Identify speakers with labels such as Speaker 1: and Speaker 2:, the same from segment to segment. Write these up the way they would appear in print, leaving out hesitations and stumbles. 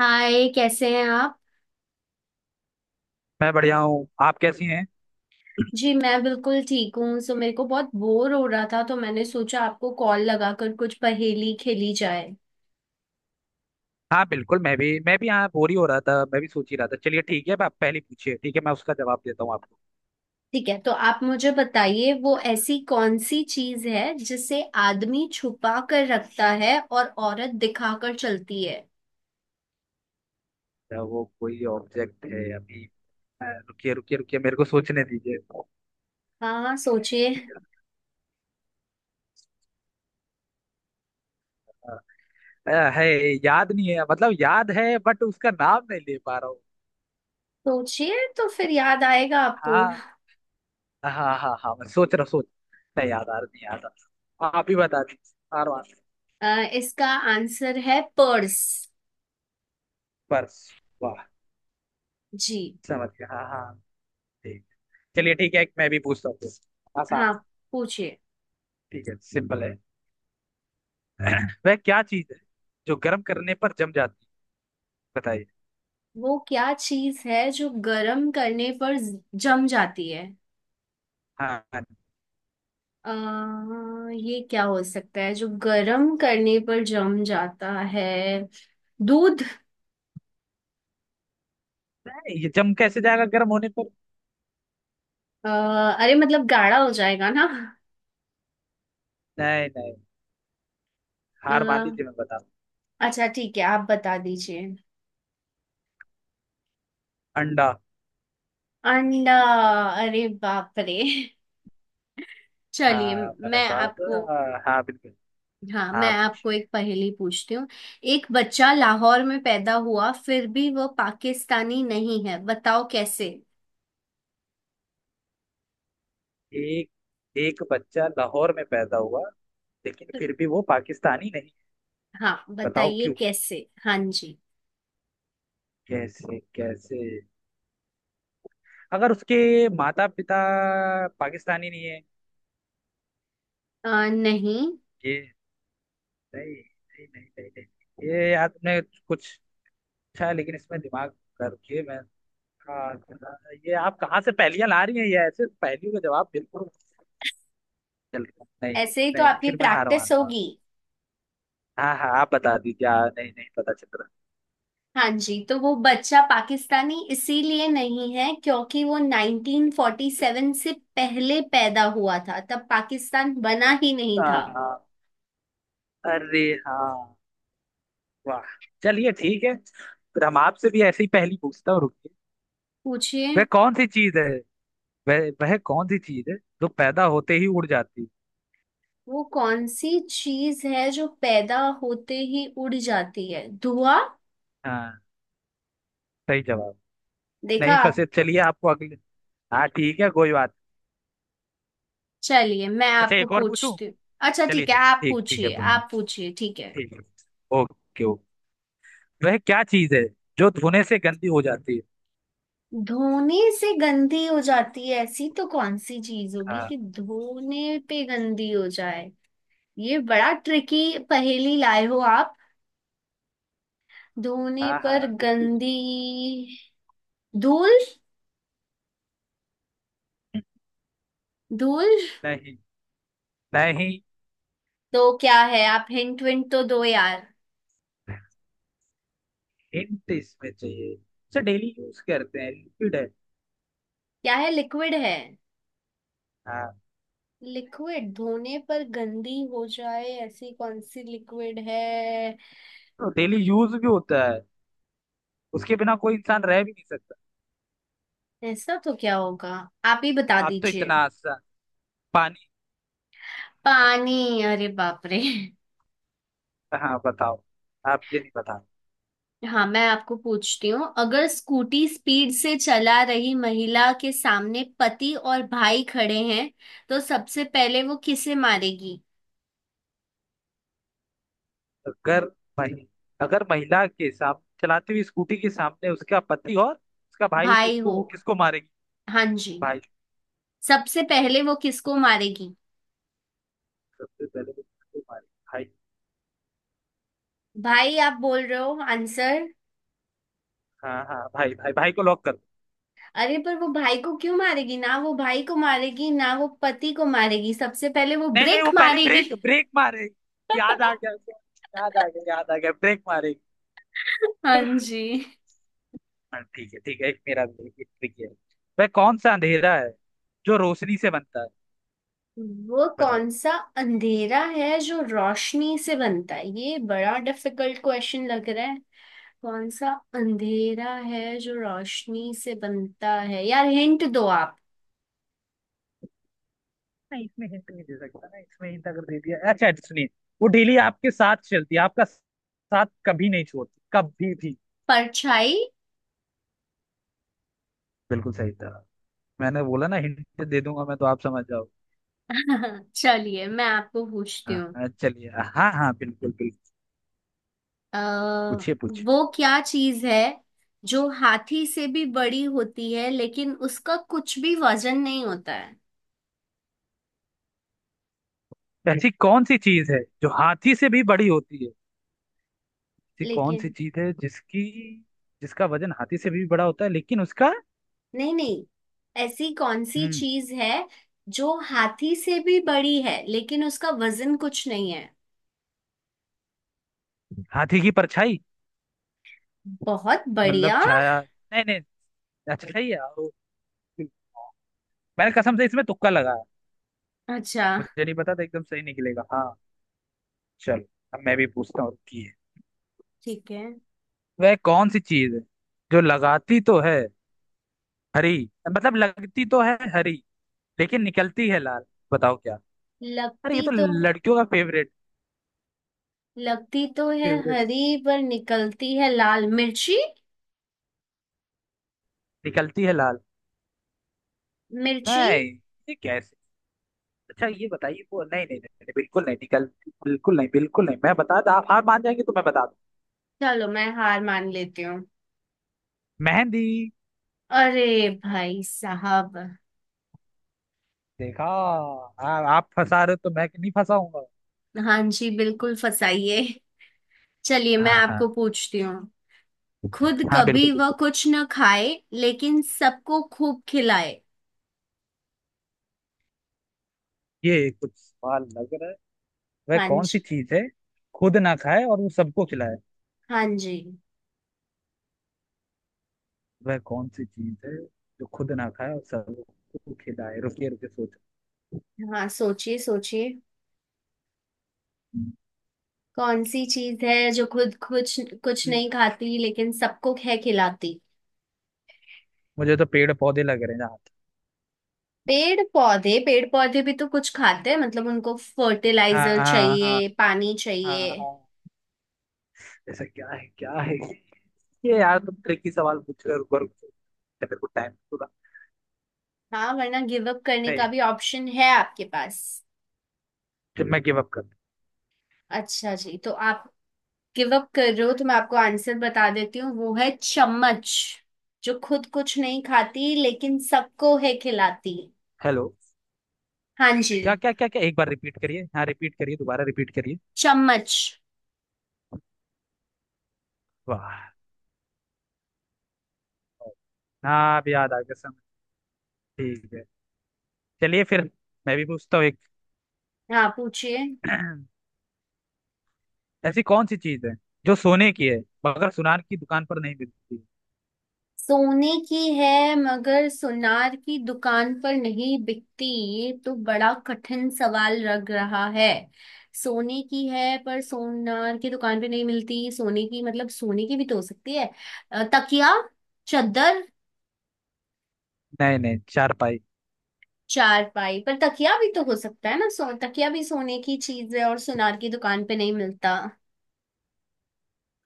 Speaker 1: हाय, कैसे हैं आप।
Speaker 2: मैं बढ़िया हूँ। आप कैसी हैं?
Speaker 1: जी मैं बिल्कुल ठीक हूँ। सो मेरे को बहुत बोर हो रहा था, तो मैंने सोचा आपको कॉल लगाकर कुछ पहेली खेली जाए।
Speaker 2: हाँ बिल्कुल, मैं भी यहाँ बोर ही हो रहा था, मैं भी सोच ही रहा था। चलिए ठीक है, अब आप पहले पूछिए, ठीक है? मैं उसका जवाब देता हूँ आपको।
Speaker 1: ठीक है, तो आप मुझे बताइए, वो ऐसी कौन सी चीज है जिसे आदमी छुपा कर रखता है और औरत दिखा कर चलती है।
Speaker 2: क्या वो कोई ऑब्जेक्ट है अभी? रुकिए रुकिए रुकिए, मेरे को सोचने दीजिए।
Speaker 1: हाँ, सोचिए।
Speaker 2: है। याद नहीं है, मतलब याद है बट उसका नाम नहीं ले पा रहा हूँ।
Speaker 1: सोचिए तो फिर याद आएगा आपको।
Speaker 2: हाँ हाँ हाँ, मैं सोच रहा, सोच। नहीं याद आ रहा, नहीं याद आ रहा, आप ही बता दीजिए आर
Speaker 1: अ, इसका आंसर है पर्स।
Speaker 2: पर्स? वाह!
Speaker 1: जी।
Speaker 2: समझ गया, हाँ हाँ। ठीक। चलिए ठीक है, एक मैं भी पूछता हूँ। आसान।
Speaker 1: हाँ, पूछिए।
Speaker 2: ठीक है, सिंपल है। वह क्या चीज है जो गर्म करने पर जम जाती है? बताइए।
Speaker 1: वो क्या चीज है जो गर्म करने पर जम जाती है।
Speaker 2: हाँ हाँ।
Speaker 1: आ, ये क्या हो सकता है जो गर्म करने पर जम जाता है। दूध।
Speaker 2: नहीं, ये जम कैसे जाएगा गर्म होने पर?
Speaker 1: अ, अरे मतलब गाढ़ा हो जाएगा ना।
Speaker 2: नहीं नहीं।
Speaker 1: अ,
Speaker 2: हार मान लीजिए, मैं बता रहा
Speaker 1: अच्छा ठीक है, आप बता दीजिए।
Speaker 2: हूँ। अंडा।
Speaker 1: अंडा। अरे बाप रे। चलिए
Speaker 2: हाँ मैंने
Speaker 1: मैं
Speaker 2: कहा तो,
Speaker 1: आपको।
Speaker 2: हाँ हाँ, बिल्कुल।
Speaker 1: हाँ, मैं
Speaker 2: हाँ।
Speaker 1: आपको एक पहेली पूछती हूँ। एक बच्चा लाहौर में पैदा हुआ फिर भी वह पाकिस्तानी नहीं है, बताओ कैसे।
Speaker 2: एक, एक बच्चा लाहौर में पैदा हुआ लेकिन फिर भी वो पाकिस्तानी नहीं।
Speaker 1: हाँ,
Speaker 2: बताओ
Speaker 1: बताइए
Speaker 2: क्यों?
Speaker 1: कैसे। हाँ जी।
Speaker 2: कैसे कैसे। अगर उसके माता पिता पाकिस्तानी नहीं है।
Speaker 1: नहीं।
Speaker 2: ये। नहीं नहीं नहीं नहीं, नहीं। ये यार, तुमने कुछ अच्छा है लेकिन इसमें दिमाग कर के मैं। हाँ, ये आप कहाँ से पहेलियां ला रही हैं? ये ऐसे पहेलियों का जवाब बिल्कुल चल रहा। नहीं।
Speaker 1: ऐसे ही तो
Speaker 2: नहीं
Speaker 1: आपकी
Speaker 2: फिर मैं हार
Speaker 1: प्रैक्टिस
Speaker 2: मानता हूँ।
Speaker 1: होगी।
Speaker 2: हाँ हाँ आप बता दीजिए। हाँ, नहीं नहीं पता चल
Speaker 1: हाँ जी, तो वो बच्चा पाकिस्तानी इसीलिए नहीं है क्योंकि वो 1947 से पहले पैदा हुआ था, तब पाकिस्तान बना ही नहीं
Speaker 2: रहा।
Speaker 1: था।
Speaker 2: हाँ, अरे हाँ! वाह! चलिए ठीक है, फिर हम आपसे भी ऐसी पहेली पूछता हूँ, रुकिए।
Speaker 1: पूछिए।
Speaker 2: वह कौन सी चीज है, वह कौन सी चीज है जो पैदा होते ही उड़ जाती है?
Speaker 1: वो कौन सी चीज है जो पैदा होते ही उड़ जाती है। धुआं।
Speaker 2: हाँ, सही जवाब!
Speaker 1: देखा।
Speaker 2: नहीं फंसे, चलिए आपको अगले। हाँ ठीक है, कोई बात।
Speaker 1: चलिए मैं
Speaker 2: अच्छा
Speaker 1: आपको
Speaker 2: एक और पूछूं?
Speaker 1: पूछती हूँ। अच्छा
Speaker 2: चलिए
Speaker 1: ठीक है,
Speaker 2: चलिए,
Speaker 1: आप
Speaker 2: ठीक ठीक है।
Speaker 1: पूछिए, आप पूछिए। ठीक है।
Speaker 2: ठीक है। Okay okay. वह क्या चीज है जो धोने से गंदी हो जाती है?
Speaker 1: धोने से गंदी हो जाती है, ऐसी तो कौन सी चीज होगी
Speaker 2: हाँ
Speaker 1: कि धोने पे गंदी हो जाए। ये बड़ा ट्रिकी पहेली लाए हो आप। धोने
Speaker 2: हाँ हाँ
Speaker 1: पर
Speaker 2: बिल्कुल भी।
Speaker 1: गंदी। धूल। धूल।
Speaker 2: नहीं नहीं।
Speaker 1: तो क्या है, आप हिंट विंट तो दो यार।
Speaker 2: हिंट इसमें चाहिए? उसे डेली यूज करते हैं, लिक्विड है।
Speaker 1: क्या है, लिक्विड है।
Speaker 2: हाँ।
Speaker 1: लिक्विड धोने पर गंदी हो जाए, ऐसी कौन सी लिक्विड है।
Speaker 2: तो डेली यूज भी होता है, उसके बिना कोई इंसान रह भी नहीं सकता।
Speaker 1: ऐसा तो क्या होगा, आप ही बता
Speaker 2: आप तो
Speaker 1: दीजिए।
Speaker 2: इतना आसान। पानी।
Speaker 1: पानी। अरे बाप रे।
Speaker 2: हाँ बताओ। आप ये नहीं बता।
Speaker 1: हाँ, मैं आपको पूछती हूँ, अगर स्कूटी स्पीड से चला रही महिला के सामने पति और भाई खड़े हैं, तो सबसे पहले वो किसे मारेगी।
Speaker 2: अगर महि, अगर महिला के सामने चलाती हुई स्कूटी के सामने उसका पति और उसका भाई, तो
Speaker 1: भाई हो।
Speaker 2: उसको वो किसको मारेगी?
Speaker 1: हाँ जी।
Speaker 2: भाई।
Speaker 1: सबसे पहले वो किसको मारेगी।
Speaker 2: सबसे पहले वो किसको मारेगी? भाई।
Speaker 1: भाई आप बोल रहे हो आंसर।
Speaker 2: हाँ हाँ, भाई भाई भाई को लॉक कर।
Speaker 1: अरे पर वो भाई को क्यों मारेगी, ना वो भाई को मारेगी, ना वो पति को मारेगी। सबसे पहले वो
Speaker 2: नहीं नहीं,
Speaker 1: ब्रेक
Speaker 2: वो पहले
Speaker 1: मारेगी।
Speaker 2: ब्रेक ब्रेक मारेगी, याद आ गया उसे, याद आ गया, याद आ गया, ब्रेक मारेगी।
Speaker 1: हाँ जी।
Speaker 2: हाँ, ठीक है ठीक है, एक मेरा भी है, एक ट्रिक है। वह कौन सा अंधेरा है जो रोशनी से बनता है?
Speaker 1: वो
Speaker 2: बताओ।
Speaker 1: कौन सा अंधेरा है जो रोशनी से बनता है, ये बड़ा डिफिकल्ट क्वेश्चन लग रहा है। कौन सा अंधेरा है जो रोशनी से बनता है, यार हिंट दो आप।
Speaker 2: नहीं इसमें हिंट नहीं दे सकता ना, इसमें हिंट अगर दे दिया। अच्छा सुनिए, वो डेली आपके साथ चलती है, आपका साथ कभी नहीं छोड़ती, कभी भी।
Speaker 1: परछाई।
Speaker 2: बिल्कुल सही था! मैंने बोला ना हिंट दे दूंगा मैं तो आप समझ जाओ।
Speaker 1: चलिए मैं आपको पूछती
Speaker 2: हाँ
Speaker 1: हूँ।
Speaker 2: हाँ, चलिए। हाँ हाँ, बिल्कुल बिल्कुल।
Speaker 1: अ,
Speaker 2: पूछिए पूछिए।
Speaker 1: वो क्या चीज है जो हाथी से भी बड़ी होती है लेकिन उसका कुछ भी वजन नहीं होता है।
Speaker 2: ऐसी कौन सी चीज है जो हाथी से भी बड़ी होती है, ऐसी कौन सी
Speaker 1: लेकिन
Speaker 2: चीज है जिसकी, जिसका वजन हाथी से भी बड़ा होता है लेकिन उसका।
Speaker 1: नहीं, नहीं, ऐसी कौन सी
Speaker 2: हम्म
Speaker 1: चीज है जो हाथी से भी बड़ी है लेकिन उसका वजन कुछ नहीं है।
Speaker 2: हाथी की परछाई।
Speaker 1: बहुत
Speaker 2: मतलब
Speaker 1: बढ़िया।
Speaker 2: छाया। नहीं नहीं। अच्छा, सही है वो। मैंने कसम से इसमें तुक्का लगाया,
Speaker 1: अच्छा
Speaker 2: मुझे नहीं पता था एकदम सही निकलेगा, हाँ। चलो अब मैं भी पूछता हूँ, की है।
Speaker 1: ठीक है।
Speaker 2: वह कौन सी चीज है जो लगाती तो है हरी, मतलब लगती तो है हरी लेकिन निकलती है लाल? बताओ क्या। अरे
Speaker 1: लगती
Speaker 2: ये तो
Speaker 1: तो,
Speaker 2: लड़कियों का फेवरेट,
Speaker 1: लगती तो है
Speaker 2: फेवरेट है।
Speaker 1: हरी पर निकलती है लाल। मिर्ची।
Speaker 2: निकलती है लाल।
Speaker 1: मिर्ची।
Speaker 2: नहीं। ये कैसे? अच्छा ये बताइए वो, नहीं नहीं नहीं नहीं, बिल्कुल नहीं निकल, बिल्कुल नहीं बिल्कुल नहीं। मैं बता दूं, आप हार मान जाएंगे तो मैं बता दूं।
Speaker 1: चलो मैं हार मान लेती हूँ।
Speaker 2: मेहंदी।
Speaker 1: अरे भाई साहब।
Speaker 2: देखा! आ, आप फंसा रहे हो तो मैं नहीं फंसाऊंगा।
Speaker 1: हाँ जी, बिल्कुल फसाइए। चलिए मैं
Speaker 2: हाँ हाँ,
Speaker 1: आपको पूछती हूँ। खुद
Speaker 2: हाँ
Speaker 1: कभी
Speaker 2: बिल्कुल
Speaker 1: वह
Speaker 2: बिल्कुल।
Speaker 1: कुछ न खाए लेकिन सबको खूब खिलाए।
Speaker 2: ये कुछ सवाल लग रहा है। वह
Speaker 1: हाँ
Speaker 2: कौन
Speaker 1: जी।
Speaker 2: सी चीज है खुद ना खाए और वो सबको खिलाए,
Speaker 1: हाँ जी।
Speaker 2: वह कौन सी चीज है जो खुद ना खाए और सबको खिलाए? रुकिए रुकिए, सोचो।
Speaker 1: हाँ, सोचिए सोचिए। कौन सी चीज है जो खुद कुछ, कुछ
Speaker 2: हम्म,
Speaker 1: नहीं खाती लेकिन सबको है खिलाती।
Speaker 2: मुझे तो पेड़ पौधे लग रहे हैं यहाँ।
Speaker 1: पेड़ पौधे। पेड़ पौधे भी तो कुछ खाते हैं, मतलब उनको
Speaker 2: हाँ
Speaker 1: फर्टिलाइजर
Speaker 2: हाँ हाँ।
Speaker 1: चाहिए, पानी
Speaker 2: हाँ
Speaker 1: चाहिए।
Speaker 2: हाँ। ऐसा क्या है, क्या है? ये यार, तुम ट्रिकी सवाल पूछ रहे हो, रुको रुको रुको। मेरे को टाइम पूरा।
Speaker 1: हाँ, वरना गिव अप करने का
Speaker 2: नहीं।
Speaker 1: भी ऑप्शन है आपके पास।
Speaker 2: जब मैं गिव अप कर।
Speaker 1: अच्छा जी, तो आप गिव अप कर रहे हो तो मैं आपको आंसर बता देती हूँ, वो है चम्मच, जो खुद कुछ नहीं खाती लेकिन सबको है खिलाती।
Speaker 2: हेलो?
Speaker 1: हाँ
Speaker 2: क्या
Speaker 1: जी।
Speaker 2: क्या क्या क्या, एक बार रिपीट करिए, हाँ रिपीट करिए, दोबारा रिपीट करिए।
Speaker 1: चम्मच।
Speaker 2: वाह! हाँ अब याद आ गया, समझ। ठीक है। चलिए फिर मैं भी पूछता हूँ एक।
Speaker 1: हाँ, पूछिए।
Speaker 2: ऐसी कौन सी चीज है जो सोने की है मगर सुनार की दुकान पर नहीं मिलती?
Speaker 1: सोने की है मगर सुनार की दुकान पर नहीं बिकती। ये तो बड़ा कठिन सवाल लग रहा है। सोने की है पर सोनार की दुकान पे नहीं मिलती, सोने की मतलब सोने की भी तो हो सकती है। तकिया। चादर।
Speaker 2: नहीं नहीं, चार पाई।
Speaker 1: चारपाई पर तकिया भी तो हो सकता है ना, सो तकिया भी सोने की चीज है और सुनार की दुकान पे नहीं मिलता।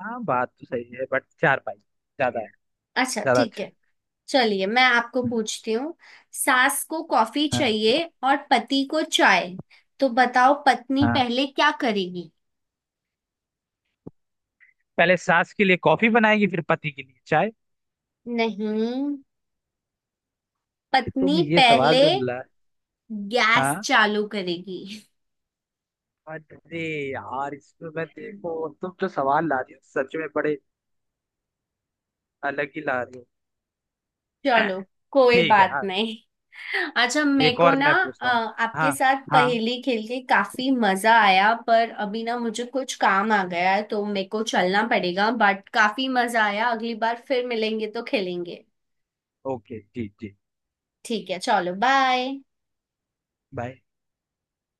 Speaker 2: हाँ बात तो सही है बट चार पाई ज्यादा है,
Speaker 1: अच्छा
Speaker 2: ज्यादा
Speaker 1: ठीक
Speaker 2: अच्छा है।
Speaker 1: है। चलिए मैं आपको
Speaker 2: हम्म।
Speaker 1: पूछती हूँ। सास को कॉफी
Speaker 2: हाँ
Speaker 1: चाहिए और पति को चाय, तो बताओ पत्नी
Speaker 2: हाँ,
Speaker 1: पहले क्या करेगी।
Speaker 2: पहले सास के लिए कॉफी बनाएगी फिर पति के लिए चाय।
Speaker 1: नहीं,
Speaker 2: तो तुम
Speaker 1: पत्नी
Speaker 2: ये सवाल
Speaker 1: पहले
Speaker 2: जो ला।
Speaker 1: गैस
Speaker 2: हाँ।
Speaker 1: चालू करेगी।
Speaker 2: अरे यार इसमें मैं, देखो तुम जो सवाल ला रही हो सच में बड़े अलग ही ला रही हो।
Speaker 1: चलो कोई
Speaker 2: ठीक है
Speaker 1: बात
Speaker 2: हाँ।
Speaker 1: नहीं। अच्छा मेरे
Speaker 2: एक
Speaker 1: को
Speaker 2: और
Speaker 1: ना,
Speaker 2: मैं पूछता हूँ।
Speaker 1: आपके
Speaker 2: हाँ
Speaker 1: साथ
Speaker 2: हाँ।
Speaker 1: पहेली खेल के काफी मजा आया पर अभी ना मुझे कुछ काम आ गया है तो मेरे को चलना पड़ेगा, बट काफी मजा आया। अगली बार फिर मिलेंगे तो खेलेंगे।
Speaker 2: ओके जी जी।
Speaker 1: ठीक है, चलो बाय।
Speaker 2: बाय।